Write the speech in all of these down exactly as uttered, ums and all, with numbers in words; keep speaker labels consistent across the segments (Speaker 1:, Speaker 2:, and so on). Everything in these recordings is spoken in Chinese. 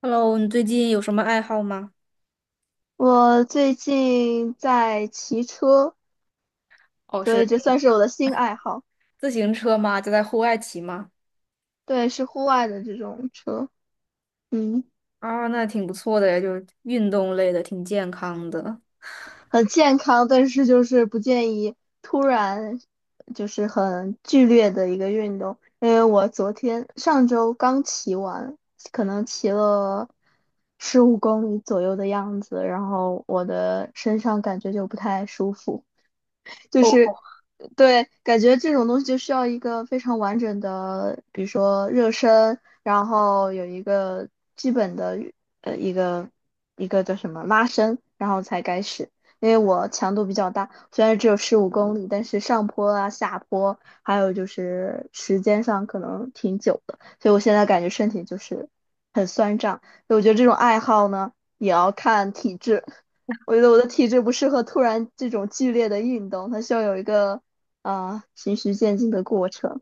Speaker 1: Hello，你最近有什么爱好吗？
Speaker 2: 我最近在骑车，
Speaker 1: 哦，
Speaker 2: 所以
Speaker 1: 是
Speaker 2: 这算是我的新爱好。
Speaker 1: 自行车吗？就在户外骑吗？
Speaker 2: 对，是户外的这种车，嗯，
Speaker 1: 啊，那挺不错的呀，就是运动类的，挺健康的。
Speaker 2: 很健康，但是就是不建议突然就是很剧烈的一个运动，因为我昨天上周刚骑完，可能骑了十五公里左右的样子，然后我的身上感觉就不太舒服。就
Speaker 1: 哦，
Speaker 2: 是对，感觉这种东西就需要一个非常完整的，比如说热身，然后有一个基本的呃一个一个叫什么拉伸，然后才开始。因为我强度比较大，虽然只有十五公里，但是上坡啊、下坡，还有就是时间上可能挺久的，所以我现在感觉身体就是很酸胀。所以我觉得这种爱好呢，也要看体质。我觉得我的体质不适合突然这种剧烈的运动，它需要有一个啊、呃循序渐进的过程。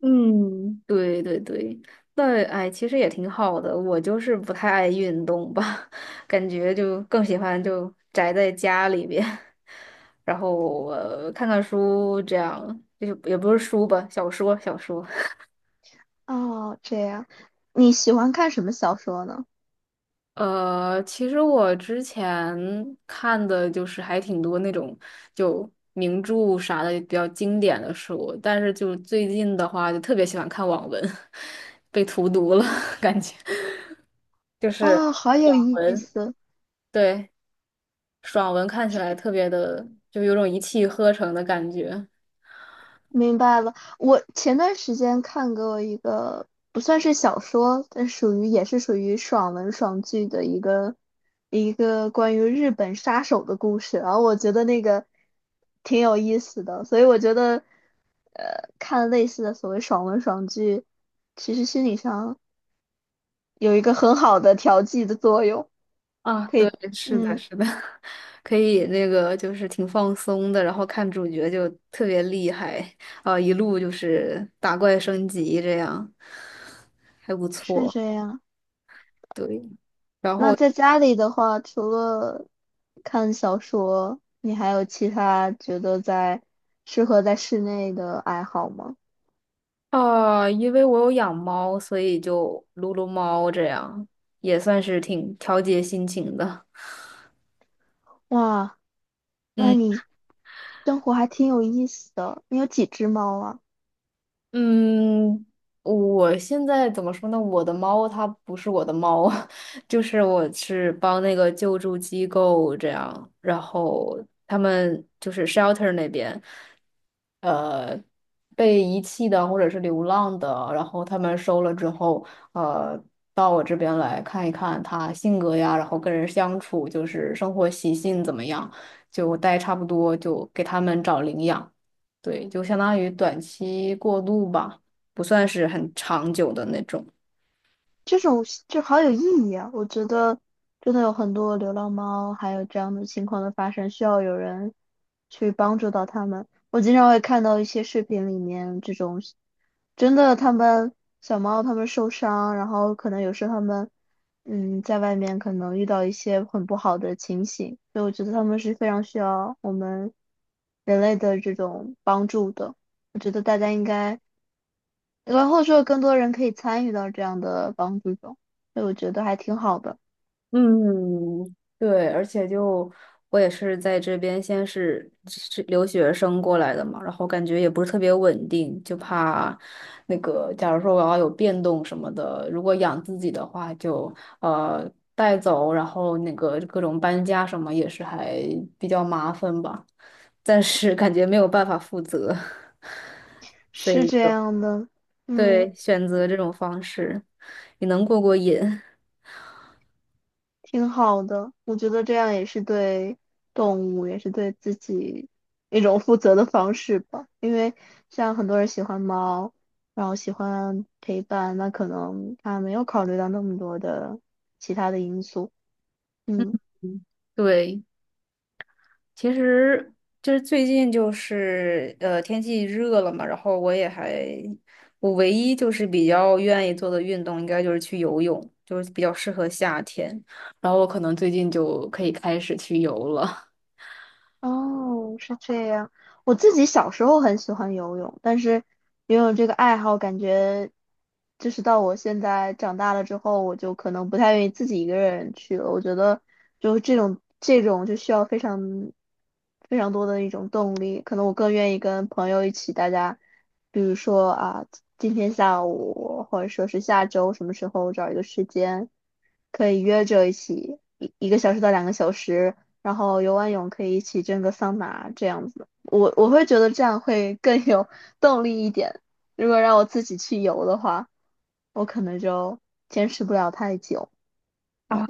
Speaker 1: 嗯，对对对，那哎，其实也挺好的。我就是不太爱运动吧，感觉就更喜欢就宅在家里边，然后呃看看书这样，就是也不是书吧，小说小说。
Speaker 2: 哦，这样，你喜欢看什么小说呢？
Speaker 1: 呃，其实我之前看的就是还挺多那种就名著啥的比较经典的书，但是就最近的话，就特别喜欢看网文，被荼毒了，感觉就是
Speaker 2: 啊，好有
Speaker 1: 爽
Speaker 2: 意
Speaker 1: 文，
Speaker 2: 思。
Speaker 1: 对，爽文看起来特别的，就有种一气呵成的感觉。
Speaker 2: 明白了。我前段时间看过一个不算是小说，但属于也是属于爽文爽剧的一个一个关于日本杀手的故事，然后我觉得那个挺有意思的，所以我觉得呃看类似的所谓爽文爽剧，其实心理上有一个很好的调剂的作用。
Speaker 1: 啊，
Speaker 2: 可
Speaker 1: 对，
Speaker 2: 以，
Speaker 1: 是的，
Speaker 2: 嗯，
Speaker 1: 是的，可以那个就是挺放松的，然后看主角就特别厉害啊，一路就是打怪升级这样，还不
Speaker 2: 是
Speaker 1: 错。
Speaker 2: 这样。
Speaker 1: 对，然
Speaker 2: 那
Speaker 1: 后
Speaker 2: 在家里的话，除了看小说，你还有其他觉得在适合在室内的爱好吗？
Speaker 1: 啊，因为我有养猫，所以就撸撸猫这样，也算是挺调节心情的。
Speaker 2: 哇，那
Speaker 1: 嗯。
Speaker 2: 你生活还挺有意思的。你有几只猫啊？
Speaker 1: 嗯，我现在怎么说呢？我的猫它不是我的猫，就是我是帮那个救助机构这样，然后他们就是 shelter 那边，呃，被遗弃的或者是流浪的，然后他们收了之后，呃，到我这边来看一看它性格呀，然后跟人相处，就是生活习性怎么样，就待差不多就给他们找领养。对，就相当于短期过渡吧，不算是很长久的那种。
Speaker 2: 这种就好有意义啊！我觉得真的有很多流浪猫，还有这样的情况的发生，需要有人去帮助到他们。我经常会看到一些视频里面这种，真的他们小猫他们受伤，然后可能有时候他们嗯在外面可能遇到一些很不好的情形，所以我觉得他们是非常需要我们人类的这种帮助的。我觉得大家应该然后就更多人可以参与到这样的帮助中，所以我觉得还挺好的。
Speaker 1: 嗯，对，而且就我也是在这边先是是留学生过来的嘛，然后感觉也不是特别稳定，就怕那个，假如说我要有变动什么的，如果养自己的话就，呃带走，然后那个各种搬家什么也是还比较麻烦吧，暂时感觉没有办法负责，所
Speaker 2: 是
Speaker 1: 以
Speaker 2: 这
Speaker 1: 就
Speaker 2: 样的，嗯，
Speaker 1: 对，选择这种方式也能过过瘾。
Speaker 2: 挺好的，我觉得这样也是对动物，也是对自己一种负责的方式吧，因为像很多人喜欢猫，然后喜欢陪伴，那可能他没有考虑到那么多的其他的因素，嗯。
Speaker 1: 对，其实就是最近就是呃天气热了嘛，然后我也还我唯一就是比较愿意做的运动应该就是去游泳，就是比较适合夏天，然后我可能最近就可以开始去游了。
Speaker 2: 哦，是这样。我自己小时候很喜欢游泳，但是游泳这个爱好，感觉就是到我现在长大了之后，我就可能不太愿意自己一个人去了。我觉得就是这种这种就需要非常非常多的一种动力，可能我更愿意跟朋友一起，大家比如说啊，今天下午或者说是下周什么时候找一个时间。可以约着一起一一个小时到两个小时，然后游完泳可以一起蒸个桑拿这样子。我我会觉得这样会更有 动力一点。如果让我自己去游的话，我可能就坚持不了太久。
Speaker 1: 啊。
Speaker 2: 嗯，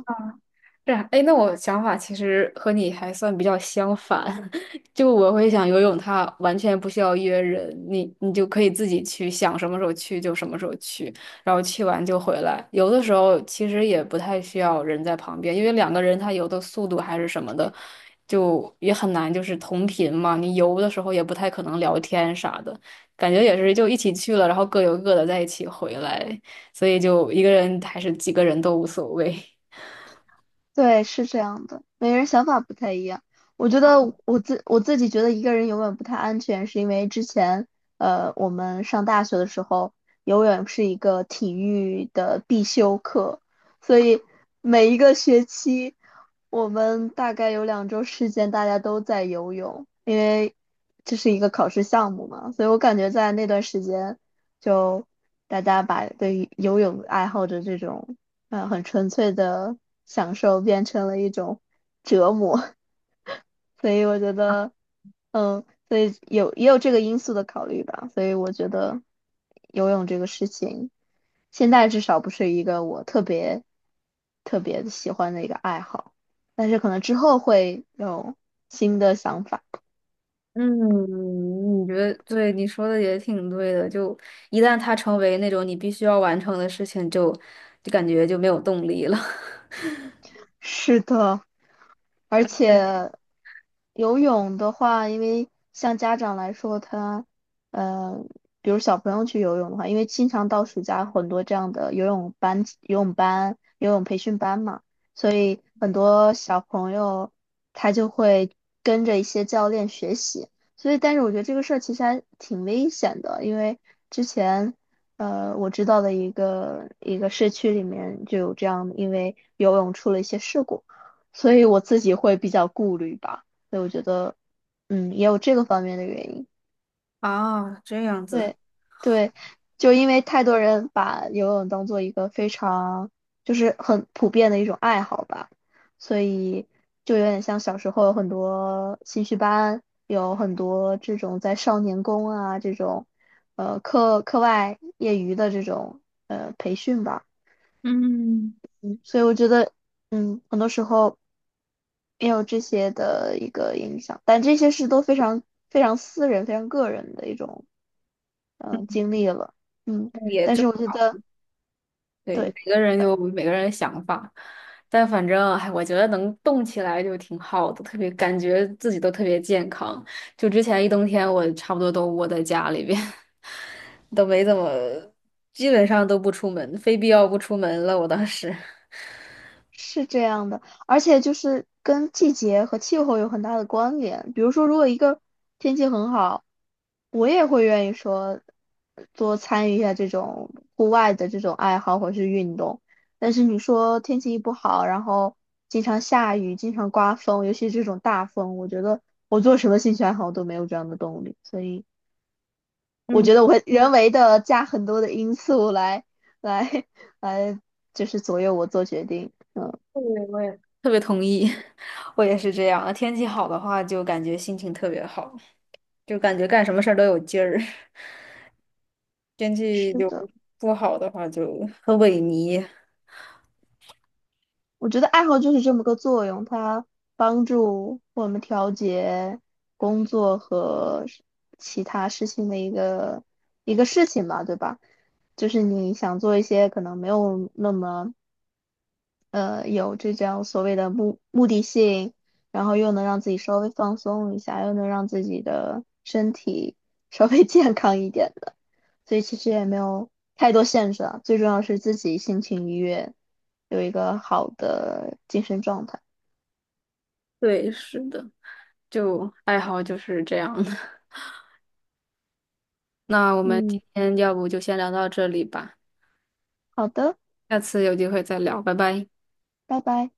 Speaker 1: 是啊，哎，那我想法其实和你还算比较相反，就我会想游泳，它完全不需要约人，你你就可以自己去，想什么时候去就什么时候去，然后去完就回来。游的时候其实也不太需要人在旁边，因为两个人他游的速度还是什么的，就也很难就是同频嘛。你游的时候也不太可能聊天啥的，感觉也是就一起去了，然后各游各的在一起回来，所以就一个人还是几个人都无所谓。
Speaker 2: 对，是这样的，每个人想法不太一样。我觉得我自我自己觉得一个人游泳不太安全，是因为之前呃我们上大学的时候，游泳是一个体育的必修课，所以每一个学期我们大概有两周时间大家都在游泳，因为这是一个考试项目嘛，所以我感觉在那段时间就大家把对于游泳爱好者这种。嗯，很纯粹的享受变成了一种折磨。所以我觉得，嗯，所以有也有这个因素的考虑吧，所以我觉得游泳这个事情，现在至少不是一个我特别特别喜欢的一个爱好，但是可能之后会有新的想法。
Speaker 1: 嗯，你觉得对，你说的也挺对的。就一旦它成为那种你必须要完成的事情，就就感觉就没有动力了。
Speaker 2: 是的。而
Speaker 1: 对
Speaker 2: 且游泳的话，因为像家长来说，他呃，比如小朋友去游泳的话，因为经常到暑假很多这样的游泳班、游泳班、游泳培训班嘛，所以很多小朋友他就会跟着一些教练学习。所以，但是我觉得这个事儿其实还挺危险的，因为之前。呃，我知道的一个一个社区里面就有这样，因为游泳出了一些事故。所以我自己会比较顾虑吧，所以我觉得，嗯，也有这个方面的原因。
Speaker 1: 啊，这样子，
Speaker 2: 对，对，就因为太多人把游泳当做一个非常就是很普遍的一种爱好吧，所以就有点像小时候有很多兴趣班，有很多这种在少年宫啊这种，呃，课课外业余的这种呃培训吧。
Speaker 1: 嗯，
Speaker 2: 所以我觉得，嗯，很多时候也有这些的一个影响，但这些是都非常非常私人、非常个人的一种嗯、呃经历了，嗯，
Speaker 1: 也
Speaker 2: 但
Speaker 1: 正
Speaker 2: 是我觉得
Speaker 1: 对，每
Speaker 2: 对，
Speaker 1: 个人有每个人的想法，但反正，哎，我觉得能动起来就挺好的，特别感觉自己都特别健康。就之前一冬天，我差不多都窝在家里边，都没怎么，基本上都不出门，非必要不出门了。我当时。
Speaker 2: 是这样的。而且就是跟季节和气候有很大的关联。比如说，如果一个天气很好，我也会愿意说多参与一下这种户外的这种爱好或是运动。但是你说天气一不好，然后经常下雨、经常刮风，尤其是这种大风，我觉得我做什么兴趣爱好都没有这样的动力。所以我
Speaker 1: 嗯。
Speaker 2: 觉得我会人为的加很多的因素来来 来，就是左右我做决定。嗯，
Speaker 1: 对，我也特别同意，我也是这样。天气好的话，就感觉心情特别好，就感觉干什么事儿都有劲儿。天气
Speaker 2: 是
Speaker 1: 就
Speaker 2: 的。
Speaker 1: 不好的话，就很萎靡。
Speaker 2: 我觉得爱好就是这么个作用，它帮助我们调节工作和是其他事情的一个一个事情吧，对吧？就是你想做一些可能没有那么呃有这种所谓的目目的性，然后又能让自己稍微放松一下，又能让自己的身体稍微 健康一点。所以其实也没有太多限制啊，最重要是自己心情愉悦，有一个好的精神状态。
Speaker 1: 对，是的，就爱好就是这样的。那我们今
Speaker 2: 嗯，
Speaker 1: 天要不就先聊到这里吧，
Speaker 2: 好的，
Speaker 1: 下次有机会再聊，拜拜。
Speaker 2: 拜拜。